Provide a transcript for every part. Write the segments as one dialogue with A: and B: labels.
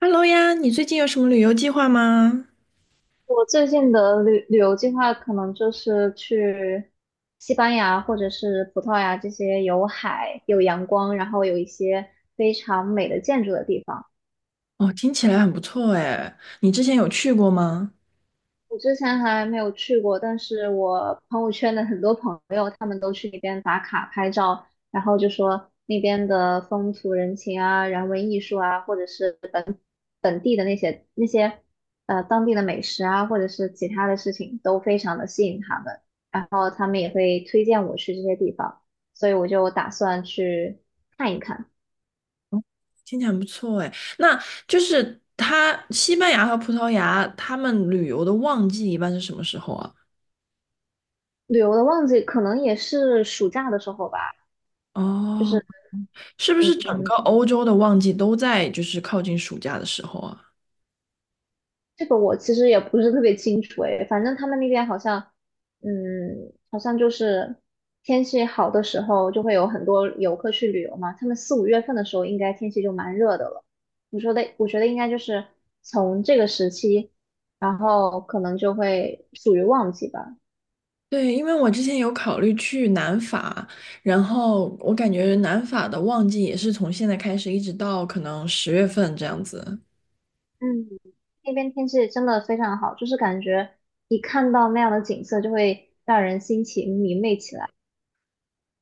A: Hello 呀，你最近有什么旅游计划吗？
B: 我最近的旅游计划可能就是去西班牙或者是葡萄牙这些有海、有阳光，然后有一些非常美的建筑的地方。
A: 哦，听起来很不错哎，你之前有去过吗？
B: 我之前还没有去过，但是我朋友圈的很多朋友，他们都去那边打卡拍照，然后就说那边的风土人情啊、人文艺术啊，或者是本地的那些那些呃当地的美食啊，或者是其他的事情，都非常的吸引他们，然后他们也会推荐我去这些地方，所以我就打算去
A: 听起来很不错哎，那就是它西班牙和葡萄牙，他们旅游的旺季一般是什么时候啊？
B: 旅游的旺季，可能也是暑假的时候吧，就
A: 哦，
B: 是
A: 是不是
B: 嗯。
A: 整个欧洲的旺季都在就是靠近暑假的时候啊？
B: 这个我其实也不是特别清楚诶，反正他们那边好像，好像就是天气好的时候就会有很多游客去旅游嘛。他们四五月份的时候应该天气就蛮热的了。我说的，我觉得应该就是从这个时期，然后可能就会属于旺季吧。
A: 对，因为我之前有考虑去南法，然后我感觉南法的旺季也是从现在开始一直到可能10月份这样子。
B: 嗯，那边天气真的非常好，就是感觉一看到那样的景色就会让人心情明媚起来。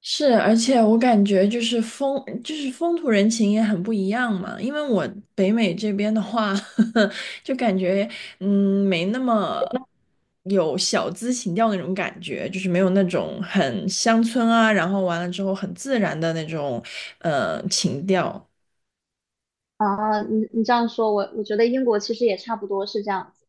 A: 是，而且我感觉就是风，就是风土人情也很不一样嘛。因为我北美这边的话，就感觉没那么有小资情调那种感觉，就是没有那种很乡村啊，然后完了之后很自然的那种情调。
B: 你这样说，我觉得英国其实也差不多是这样子。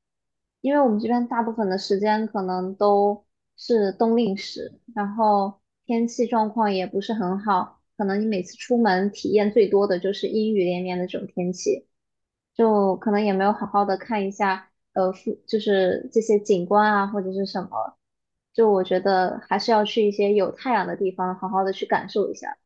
B: 因为我们这边大部分的时间可能都是冬令时，然后天气状况也不是很好，可能你每次出门体验最多的就是阴雨连绵的这种天气，就可能也没有好好的看一下，就是这些景观啊或者是什么，就我觉得还是要去一些有太阳的地方，好好的去感受一下。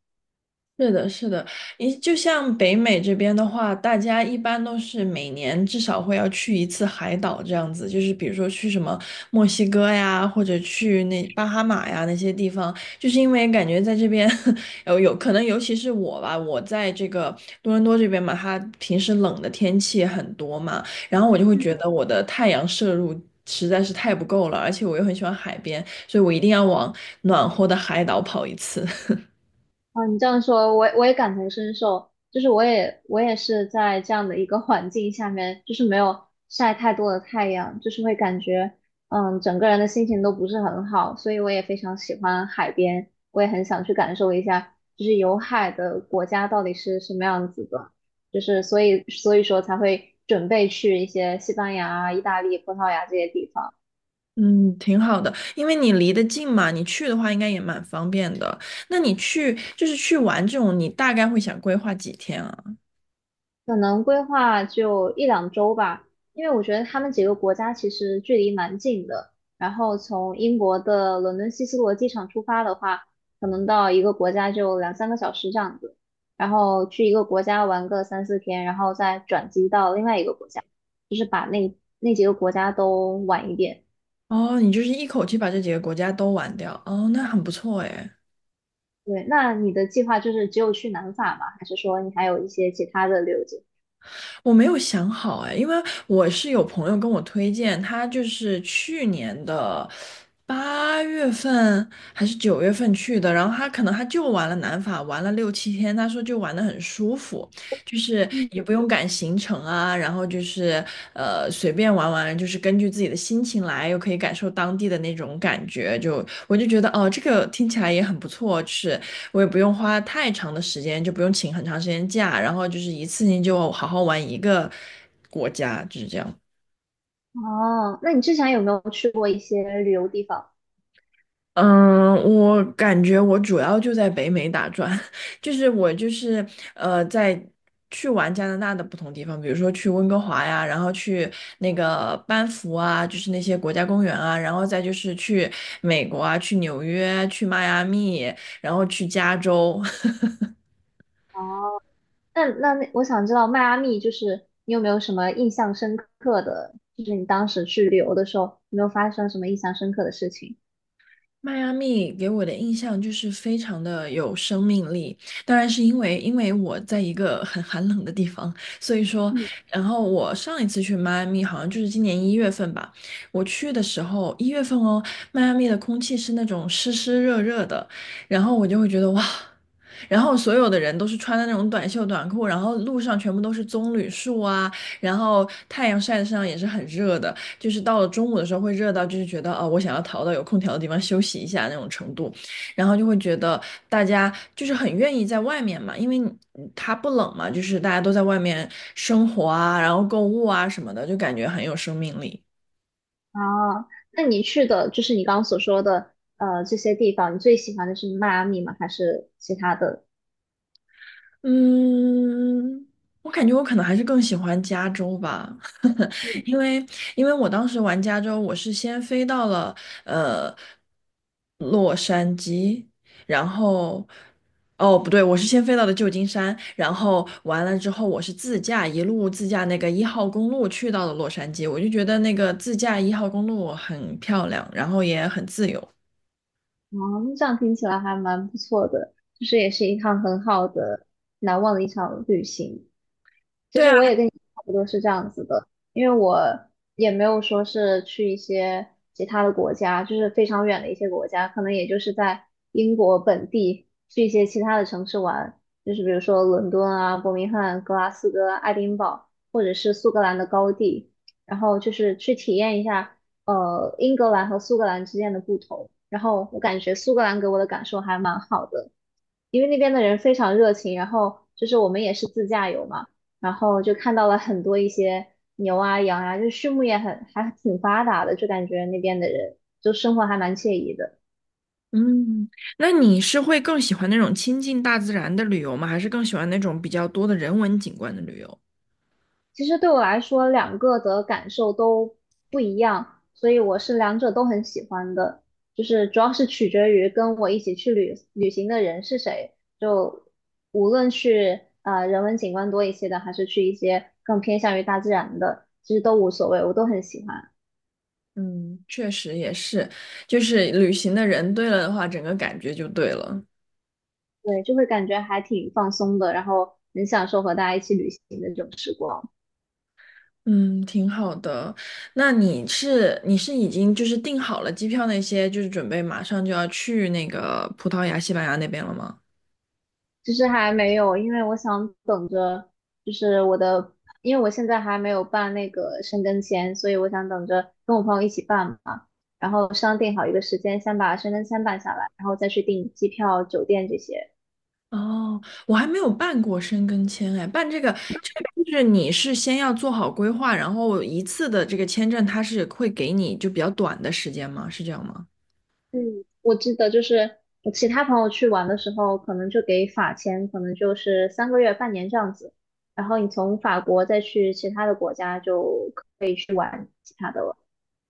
A: 是的，是的，一就像北美这边的话，大家一般都是每年至少会要去一次海岛这样子，就是比如说去什么墨西哥呀，或者去那巴哈马呀那些地方，就是因为感觉在这边 有可能，尤其是我吧，我在这个多伦多这边嘛，它平时冷的天气很多嘛，然后我就会觉得我的太阳摄入。实在是太不够了，而且我又很喜欢海边，所以我一定要往暖和的海岛跑一次。
B: 啊，你这样说，我也感同身受，就是我也是在这样的一个环境下面，就是没有晒太多的太阳，就是会感觉，整个人的心情都不是很好，所以我也非常喜欢海边，我也很想去感受一下，就是有海的国家到底是什么样子的，就是所以说才会准备去一些西班牙啊意大利、葡萄牙这些地方。
A: 嗯，挺好的，因为你离得近嘛，你去的话应该也蛮方便的。那你去就是去玩这种，你大概会想规划几天啊？
B: 可能规划就一两周吧，因为我觉得他们几个国家其实距离蛮近的。然后从英国的伦敦希斯罗机场出发的话，可能到一个国家就两三个小时这样子。然后去一个国家玩个三四天，然后再转机到另外一个国家，就是把那几个国家都玩一遍。
A: 哦，你就是一口气把这几个国家都玩掉，哦，那很不错诶。
B: 对，那你的计划就是只有去南法吗？还是说你还有一些其他的旅游计划
A: 我没有想好哎，因为我是有朋友跟我推荐，他就是去年的8月份还是9月份去的，然后他可能他就玩了南法，玩了6、7天，他说就玩的很舒服，就是也
B: 嗯。
A: 不用赶行程啊，然后就是随便玩玩，就是根据自己的心情来，又可以感受当地的那种感觉，就我就觉得哦，这个听起来也很不错，是我也不用花太长的时间，就不用请很长时间假，然后就是一次性就好好玩一个国家，就是这样。
B: 哦，那你之前有没有去过一些旅游地方？
A: 嗯，我感觉我主要就在北美打转，就是我在去玩加拿大的不同地方，比如说去温哥华呀，然后去那个班夫啊，就是那些国家公园啊，然后再就是去美国啊，去纽约啊，去迈阿密，然后去加州。
B: 哦，那,我想知道迈阿密就是你有没有什么印象深刻的，就是你当时去旅游的时候，有没有发生什么印象深刻的事情？
A: 迈阿密给我的印象就是非常的有生命力，当然是因为我在一个很寒冷的地方，所以说，
B: 嗯，
A: 然后我上一次去迈阿密好像就是今年一月份吧，我去的时候一月份哦，迈阿密的空气是那种湿湿热热的，然后我就会觉得哇，然后所有的人都是穿的那种短袖短裤，然后路上全部都是棕榈树啊，然后太阳晒在身上也是很热的，就是到了中午的时候会热到就是觉得哦，我想要逃到有空调的地方休息一下那种程度，然后就会觉得大家就是很愿意在外面嘛，因为它不冷嘛，就是大家都在外面生活啊，然后购物啊什么的，就感觉很有生命力。
B: 啊，那你去的就是你刚刚所说的这些地方，你最喜欢的是迈阿密吗？还是其他的？
A: 嗯，我感觉我可能还是更喜欢加州吧，因为因为我当时玩加州，我是先飞到了呃洛杉矶，然后哦不对，我是先飞到了旧金山，然后完了之后我是自驾一路自驾那个一号公路去到了洛杉矶，我就觉得那个自驾一号公路很漂亮，然后也很自由。
B: 哦，那这样听起来还蛮不错的，就是也是一趟很好的、难忘的一场旅行。其
A: 对
B: 实
A: 啊。
B: 我也跟你差不多是这样子的，因为我也没有说是去一些其他的国家，就是非常远的一些国家，可能也就是在英国本地去一些其他的城市玩，就是比如说伦敦啊、伯明翰、格拉斯哥、爱丁堡，或者是苏格兰的高地，然后就是去体验一下英格兰和苏格兰之间的不同。然后我感觉苏格兰给我的感受还蛮好的。因为那边的人非常热情，然后就是我们也是自驾游嘛，然后就看到了很多一些牛啊、羊啊，就是畜牧业很还挺发达的，就感觉那边的人就生活还蛮惬意的。
A: 嗯，那你是会更喜欢那种亲近大自然的旅游吗？还是更喜欢那种比较多的人文景观的旅游？
B: 其实对我来说，两个的感受都不一样，所以我是两者都很喜欢的，就是主要是取决于跟我一起去旅行的人是谁，就无论去人文景观多一些的，还是去一些更偏向于大自然的，其实都无所谓，我都很喜欢。
A: 嗯，确实也是，就是旅行的人对了的话，整个感觉就对了。
B: 对，就会感觉还挺放松的，然后很享受和大家一起旅行的这种时光。
A: 嗯，挺好的。那你是已经就是订好了机票那些，就是准备马上就要去那个葡萄牙、西班牙那边了吗？
B: 其实还没有，因为我想等着，就是我的，因为我现在还没有办那个申根签，所以我想等着跟我朋友一起办嘛，然后商定好一个时间，先把申根签办下来，然后再去订机票、酒店这些。
A: 哦，我还没有办过申根签哎，办这个就是你是先要做好规划，然后一次的这个签证它是会给你就比较短的时间吗？是这样吗？
B: 嗯，我记得就是我其他朋友去玩的时候，可能就给法签，可能就是3个月、半年这样子。然后你从法国再去其他的国家，就可以去玩其他的了。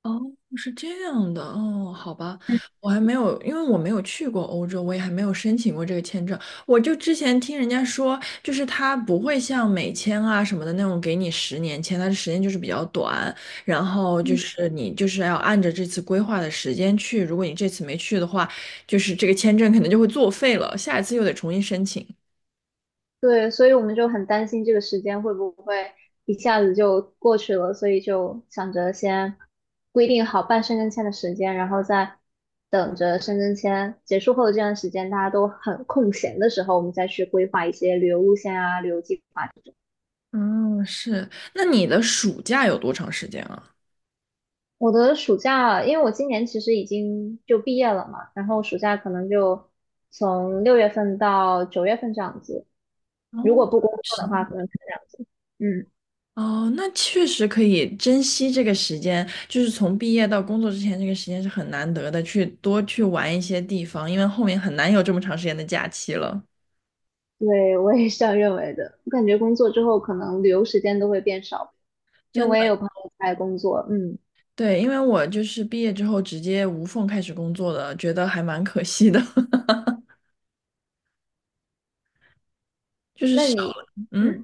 A: 哦，是这样的哦，好吧，我还没有，因为我没有去过欧洲，我也还没有申请过这个签证。我就之前听人家说，就是它不会像美签啊什么的那种给你10年签，它的时间就是比较短，然后就
B: 嗯，
A: 是你就是要按着这次规划的时间去，如果你这次没去的话，就是这个签证可能就会作废了，下一次又得重新申请。
B: 对，所以我们就很担心这个时间会不会一下子就过去了，所以就想着先规定好办申根签的时间，然后再等着申根签结束后的这段时间，大家都很空闲的时候，我们再去规划一些旅游路线啊、旅游计划。这种。
A: 嗯，是。那你的暑假有多长时间啊？
B: 我的暑假，因为我今年其实已经就毕业了嘛，然后暑假可能就从6月份到9月份这样子。如果
A: 哦，
B: 不工作
A: 是。
B: 的话，可能是这样子。嗯，
A: 哦，那确实可以珍惜这个时间，就是从毕业到工作之前，这个时间是很难得的，去多去玩一些地方，因为后面很难有这么长时间的假期了。
B: 对，我也是这样认为的。我感觉工作之后，可能旅游时间都会变少，因为
A: 真
B: 我也
A: 的，
B: 有朋友在工作。嗯，
A: 对，因为我就是毕业之后直接无缝开始工作的，觉得还蛮可惜的。
B: 那你，
A: 嗯，
B: 嗯，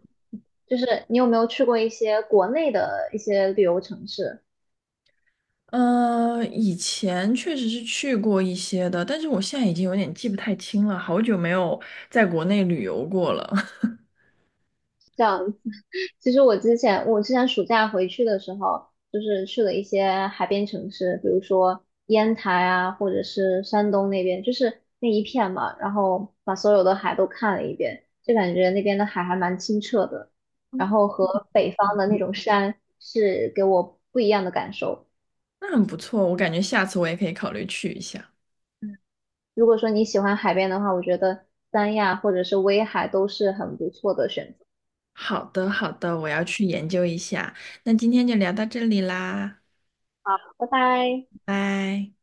B: 就是你有没有去过一些国内的一些旅游城市？
A: 呃，以前确实是去过一些的，但是我现在已经有点记不太清了，好久没有在国内旅游过了。
B: 其实我之前暑假回去的时候，就是去了一些海边城市，比如说烟台啊，或者是山东那边，就是那一片嘛，然后把所有的海都看了一遍，就感觉那边的海还蛮清澈的，然后和北方的那种山是给我不一样的感受。
A: 那很不错，我感觉下次我也可以考虑去一下。
B: 如果说你喜欢海边的话，我觉得三亚或者是威海都是很不错的选择。
A: 好的，好的，我要去研究一下。那今天就聊到这里啦，
B: 拜拜。
A: 拜。